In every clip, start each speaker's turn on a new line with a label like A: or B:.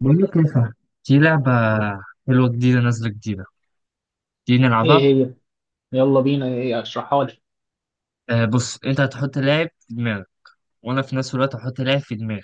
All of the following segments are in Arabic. A: بقول لك ايه، صح. في لعبة حلوة جديدة، نازلة جديدة، دي
B: ايه
A: نلعبها.
B: هي؟ يلا بينا، ايه؟ اشرحها لي.
A: آه، بص، انت هتحط لاعب في دماغك، وانا في نفس الوقت هحط لاعب في دماغي،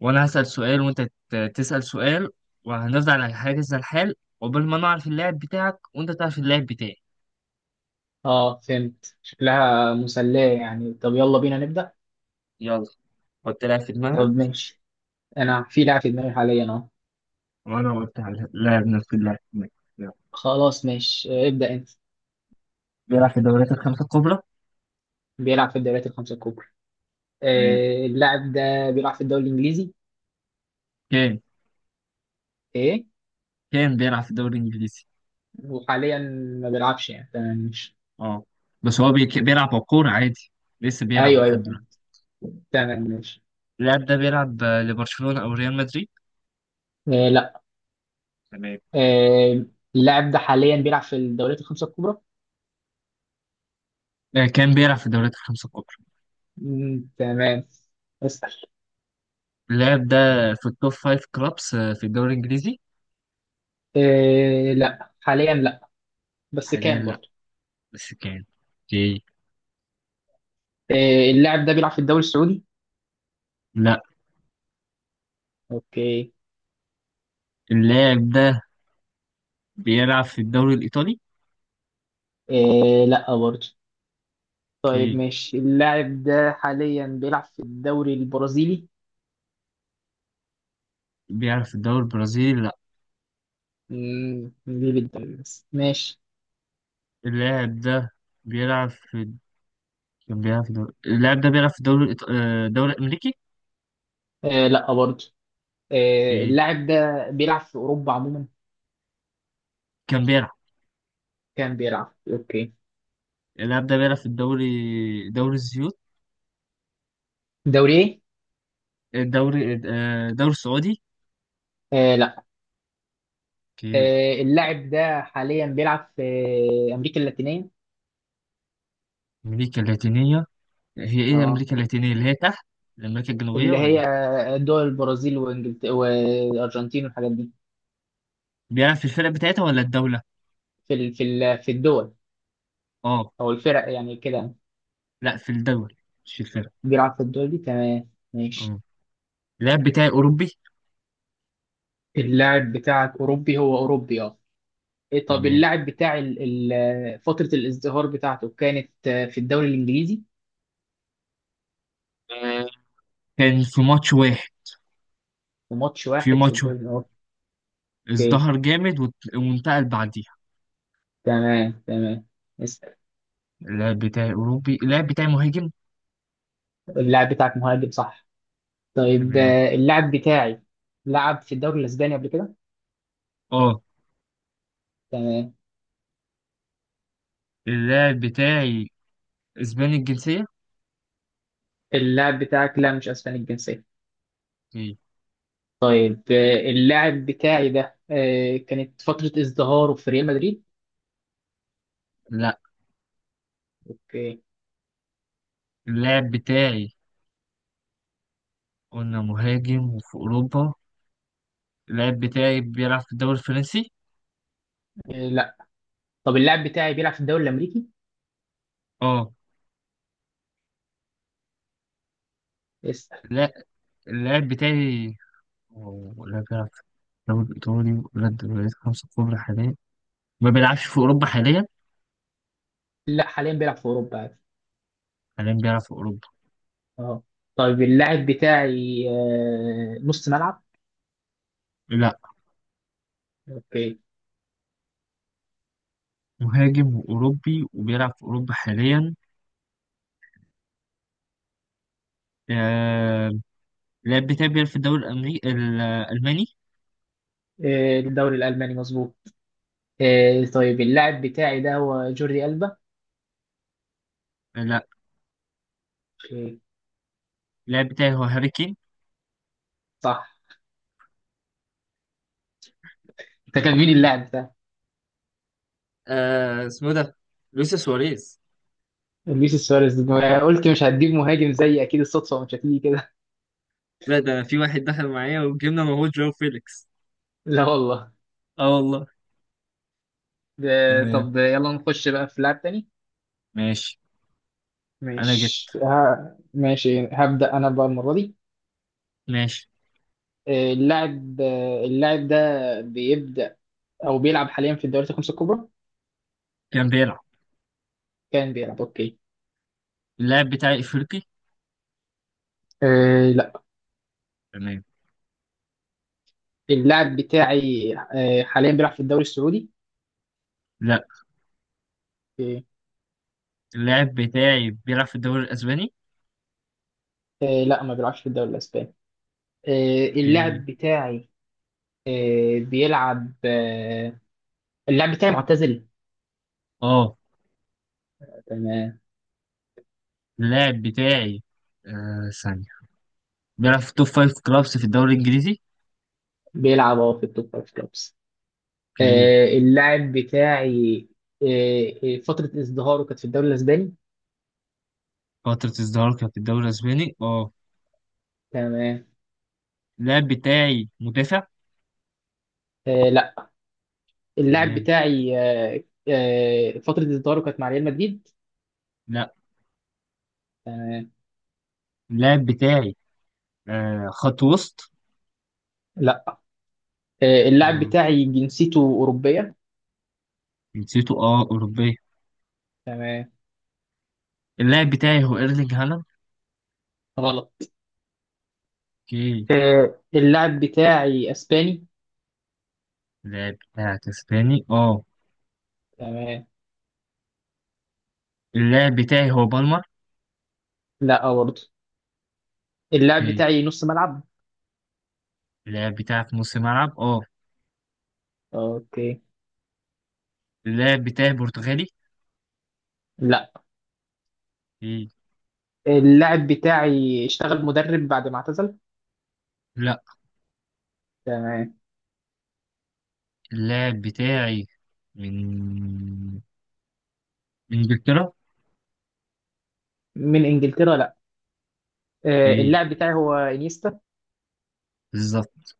A: وانا هسأل سؤال وانت تسأل سؤال، وهنفضل على حاجة زي الحال عقبال ما نعرف اللاعب بتاعك وانت تعرف اللاعب بتاعي.
B: اه، فهمت. شكلها مسلية يعني. طب يلا بينا نبدأ.
A: يلا، حط لاعب في
B: طب،
A: دماغك.
B: ماشي. انا في لاعب في دماغي حاليا اهو.
A: وانا قلت على لاعب، نفس اللاعب في دماغي. يلا.
B: خلاص، ماشي. آه، ابدأ انت.
A: بيلعب في الدوريات الخمسة الكبرى.
B: بيلعب في الدوريات الخمسة الكبرى؟
A: تمام.
B: آه، اللاعب ده بيلعب في الدوري الانجليزي.
A: كان
B: ايه؟
A: كان بيلعب في الدوري الانجليزي.
B: وحاليا ما بيلعبش يعني، تمام ماشي.
A: اه، بس هو بيلعب على الكورة عادي، لسه بيلعب
B: ايوه، ايوه،
A: لحد.
B: فهمت. تمام ماشي.
A: اللاعب ده بيلعب لبرشلونة أو ريال مدريد؟
B: آه، لا.
A: تمام.
B: آه، اللاعب ده حاليا بيلعب في الدوريات الخمسة الكبرى؟
A: آه، كان بيلعب في الدوريات الخمسة الكبرى.
B: مم، تمام. اسأل.
A: اللاعب ده في التوب فايف كلابس، في الدوري الإنجليزي؟
B: آه، لا، حاليا لا. بس
A: حاليا
B: كان
A: لأ،
B: برضه.
A: بس كان. اوكي.
B: آه، اللاعب ده بيلعب في الدوري السعودي؟
A: لأ.
B: اوكي.
A: اللاعب ده بيلعب في الدوري الإيطالي؟
B: آه، لا برضه. طيب
A: اوكي.
B: ماشي، اللاعب ده حاليا بيلعب في الدوري البرازيلي؟
A: بيلعب في الدوري البرازيلي، لأ.
B: ليه بالدوري بس؟ ماشي.
A: اللاعب ده بيلعب في، كان بيلعب في الدوري، اللاعب ده بيلعب في الدوري الدوري الأمريكي.
B: آه، لا برضه. آه،
A: اوكي.
B: اللاعب ده بيلعب في اوروبا عموما؟
A: كان بيلعب.
B: كان بيلعب، اوكي.
A: اللاعب ده بيلعب في الدوري، دوري الزيوت.
B: دوري ايه؟
A: الدوري، الدوري السعودي.
B: آه، لا.
A: اوكي.
B: آه، اللاعب ده حاليا بيلعب في امريكا اللاتينيه؟
A: أمريكا اللاتينية، هي ايه
B: اه،
A: امريكا اللاتينيه؟ اللي هي تحت امريكا الجنوبيه
B: اللي هي
A: ولا؟
B: دول البرازيل وانجلترا والارجنتين والحاجات دي.
A: بيلعب في الفرق بتاعتها ولا الدوله؟
B: في الدول
A: اه.
B: او الفرق يعني كده.
A: لا، في الدول مش في الفرق.
B: بيلعب في الدوري، تمام ماشي.
A: اه، اللاعب بتاعي اوروبي.
B: اللاعب بتاعك أوروبي؟ هو أوروبي، اه. إيه، طب
A: تمام.
B: اللاعب بتاع فترة الازدهار بتاعته كانت في الدوري الإنجليزي.
A: آه، كان في ماتش واحد،
B: وماتش
A: في
B: واحد في
A: ماتش واحد
B: الدوري؟ أوكي،
A: ازدهر جامد وانتقل بعديها.
B: تمام تمام. اسأل.
A: اللاعب بتاعي اوروبي، اللاعب بتاعي مهاجم.
B: اللاعب بتاعك مهاجم، صح؟ طيب،
A: تمام.
B: اللاعب بتاعي لعب في الدوري الأسباني قبل كده.
A: اه،
B: تمام.
A: اللاعب بتاعي اسباني الجنسيه.
B: اللاعب بتاعك؟ لا، مش أسباني الجنسية.
A: إيه؟
B: طيب، اللاعب بتاعي ده، كانت فترة ازدهاره في ريال مدريد؟
A: لا.
B: اوكي.
A: اللاعب بتاعي قلنا مهاجم وفي اوروبا. اللاعب بتاعي بيلعب في الدوري الفرنسي؟
B: آه، لا. طب اللاعب بتاعي بيلعب في الدوري الامريكي؟
A: اه.
B: اسال.
A: لا، اللاعب بتاعي ولا بيلعب في الدوري الإيطالي ولا الدوريات الخمسة الكبرى حاليا، ما بيلعبش في أوروبا حاليا؟
B: لا، حاليا بيلعب في اوروبا عادي.
A: حاليا بيلعب في أوروبا.
B: اه. طيب اللاعب بتاعي نص ملعب؟
A: لا،
B: اوكي.
A: مهاجم وأوروبي وبيلعب في أوروبا حاليا. آه... اللاعب بتاعي بيلعب في الدوري الأمريكي، الألماني.
B: آه، الدوري الالماني مظبوط. آه، طيب اللاعب بتاعي ده هو جوردي ألبا؟
A: لا،
B: اوكي.
A: اللاعب بتاعي هو هاري كين.
B: صح. انت كان مين اللاعب ده؟
A: اسمه ده لويس سواريز.
B: لويس سواريز! ما قلت مش هتجيب مهاجم زي، اكيد الصدفه مش هتيجي كده.
A: لا، ده في واحد دخل معايا وجبنا، ما هو جو فيليكس.
B: لا والله.
A: اه والله.
B: ده.
A: تمام.
B: طب يلا نخش بقى في لاعب تاني.
A: ماشي. أنا
B: ماشي،
A: جبت.
B: ها. ماشي، هبدأ أنا بقى المرة دي.
A: ماشي.
B: اللاعب ده بيبدأ او بيلعب حاليا في الدوريات الخمسه الكبرى؟
A: كان بيلعب.
B: كان بيلعب، اوكي.
A: اللاعب بتاعي إفريقي؟
B: آه، لا.
A: تمام.
B: اللاعب بتاعي حاليا بيلعب في الدوري السعودي؟
A: لا،
B: آه.
A: اللاعب بتاعي بيلعب في الدوري الأسباني.
B: آه، لا، ما بيلعبش في الدوري الاسباني. آه
A: اوكي.
B: اللاعب بتاعي آه بيلعب آه اللاعب بتاعي معتزل.
A: اه،
B: تمام.
A: اللاعب بتاعي، ثانية، بيلعب في توب فايف كلابس في الدوري الإنجليزي.
B: بيلعب، اه، في التوب فايف كلوبس.
A: اوكي.
B: اللاعب بتاعي، فترة ازدهاره كانت في الدوري الاسباني.
A: فترة ازدهاره كانت في الدوري الأسباني، اه.
B: تمام.
A: اللاعب بتاعي مدافع؟
B: آه، لا. اللاعب
A: تمام.
B: بتاعي، فترة ازدهاره كانت مع ريال مدريد؟
A: لا،
B: تمام.
A: اللاعب بتاعي خط وسط.
B: لا. آه، اللاعب
A: يبقى
B: بتاعي جنسيته أوروبية؟
A: جنسيته، اه، أوروبية.
B: تمام.
A: اللاعب بتاعي هو إيرلينج هالاند؟
B: غلط.
A: اوكي.
B: آه، اللاعب بتاعي اسباني.
A: اللاعب بتاعك اسباني، اه.
B: تمام.
A: اللاعب بتاعي هو بالمر؟
B: لا، آه، برضه. اللاعب
A: اوكي.
B: بتاعي نص ملعب.
A: اللاعب بتاعك نص ملعب، اه.
B: اوكي.
A: اللاعب بتاعي برتغالي؟
B: لا.
A: اوكي.
B: اللاعب بتاعي اشتغل مدرب بعد ما اعتزل؟
A: لا،
B: تمام.
A: اللاعب بتاعي من من انجلترا.
B: من انجلترا؟ لا. آه،
A: ايه،
B: اللاعب بتاعي هو انيستا.
A: بالظبط.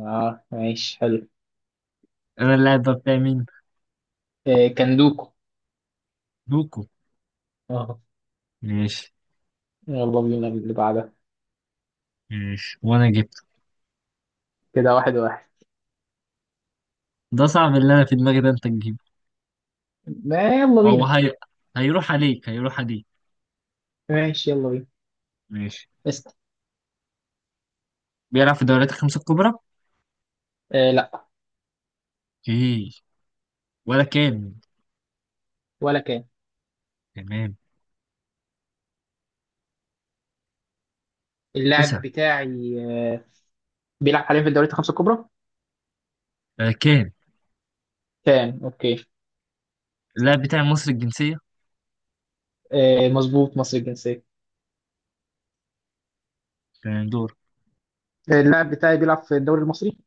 B: اه، ماشي، حلو.
A: انا اللاعب ده بتاعي مين؟
B: آه، كندوكو.
A: دوكو؟
B: اه.
A: ماشي.
B: يلا بينا اللي بعدها.
A: ماشي، وانا جبته.
B: كده، واحد واحد.
A: ده صعب، اللي انا في دماغي ده انت تجيبه.
B: ما يلا
A: هو
B: بينا.
A: هي... هيروح عليك، هيروح عليك.
B: ماشي، يلا بينا.
A: ماشي.
B: اسأل.
A: بيلعب في الدوريات الخمسة الكبرى؟
B: آه، لا.
A: ايه، ولا كان؟
B: ولا كان.
A: تمام. اسأل.
B: اللاعب بتاعي آه، بيلعب حاليا في الدوريات الخمسة الكبرى؟
A: آه، كان.
B: كان، اوكي.
A: اللاعب بتاعي مصري الجنسية.
B: آه، مظبوط، مصري الجنسية.
A: تمام، دور.
B: اللاعب بتاعي بيلعب في الدوري المصري؟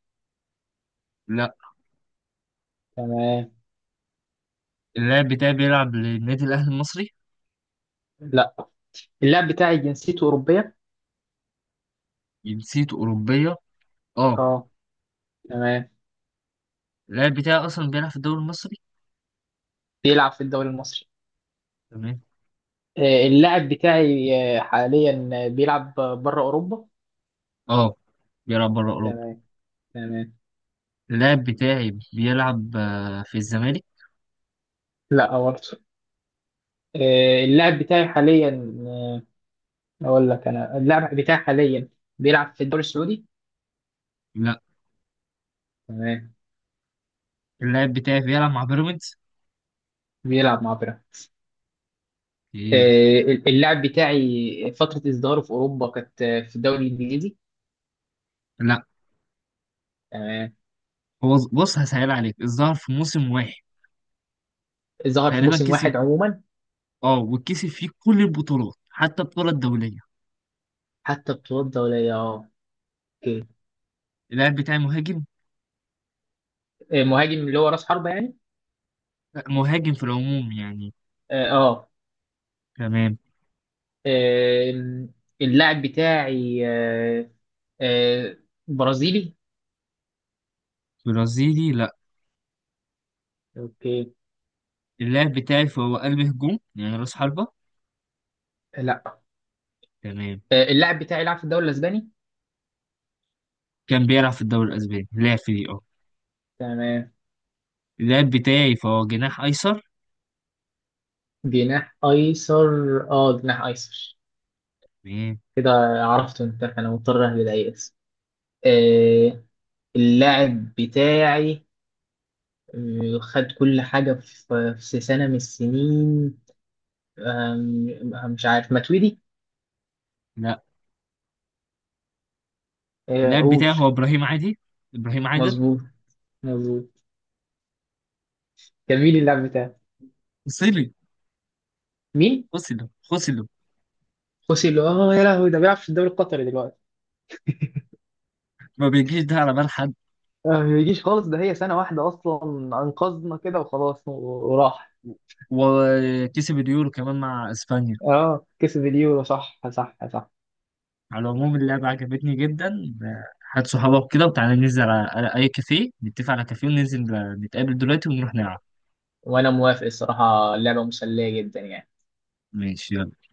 A: لا،
B: تمام.
A: اللاعب بتاعي بيلعب للنادي الاهلي المصري؟
B: لا. اللاعب بتاعي جنسيته أوروبية؟
A: جنسيته اوروبية، اه.
B: اه. تمام.
A: اللاعب بتاعي اصلا بيلعب في الدوري المصري.
B: بيلعب في الدوري المصري.
A: تمام.
B: اللاعب بتاعي حاليا، بيلعب بره أوروبا.
A: اه، بيلعب بره أوروبا.
B: تمام، تمام.
A: اللاعب بتاعي بيلعب في الزمالك؟
B: لا برضه. اللاعب بتاعي حاليا، آه أقول لك، أنا اللاعب بتاعي حاليا بيلعب في الدوري السعودي؟
A: لا،
B: تمام.
A: اللاعب بتاعي بيلعب مع بيراميدز.
B: بيلعب مع بيراميدز؟
A: ايه.
B: آه، اللاعب بتاعي فترة إصداره في أوروبا كانت في الدوري الإنجليزي.
A: لا،
B: آه،
A: هو بص، هسهل عليك، الظاهر في موسم واحد
B: ظهر في
A: تقريبا
B: موسم
A: كسب،
B: واحد عموما.
A: اه، وكسب فيه كل البطولات حتى البطولة الدولية.
B: حتى بطولات دولية، اه. اوكي.
A: اللاعب بتاعي مهاجم.
B: آه، مهاجم اللي هو رأس حربة يعني؟
A: لا، مهاجم في العموم يعني.
B: اه، آه.
A: تمام.
B: آم، اللاعب بتاعي آه، برازيلي؟
A: برازيلي؟ لا.
B: اوكي.
A: اللاعب بتاعي فهو قلب هجوم يعني راس حربة.
B: لا.
A: تمام.
B: آه، اللاعب بتاعي لعب في الدوري الإسباني.
A: كان بيلعب في الدوري الأسباني، لاعب في دي اه.
B: تمام.
A: اللاعب بتاعي فهو جناح أيسر.
B: جناح أيسر؟ اه، جناح أيسر.
A: تمام.
B: كده عرفته انت، انا مضطر اهبد اي اسم. آه، اللاعب بتاعي خد كل حاجة في سنة من السنين. آم، آه، مش عارف، ماتويدي؟
A: لا،
B: آه،
A: اللاعب
B: قول.
A: بتاعي هو إبراهيم عادي، إبراهيم عادل.
B: مظبوط، مظبوط. جميل اللعب بتاعه.
A: فصلي،
B: مين؟
A: فصل فصل.
B: خوسي لو! اه، يا لهوي، ده بيلعب في الدوري القطري دلوقتي.
A: ما بيجيش ده على بال حد.
B: آه، ما يجيش خالص، ده هي سنة واحدة أصلا. أنقذنا كده وخلاص، وراح.
A: وكسب اليورو كمان مع اسبانيا.
B: اه، كسب اليورو، صح، صح، صح.
A: على العموم، اللعبة عجبتني جدا. هات صحابك كده وتعالى ننزل على اي كافيه، نتفق على كافيه وننزل، نتقابل دلوقتي ونروح نلعب.
B: وأنا موافق. الصراحة اللعبة مسلية جدا يعني.
A: ماشي يلا.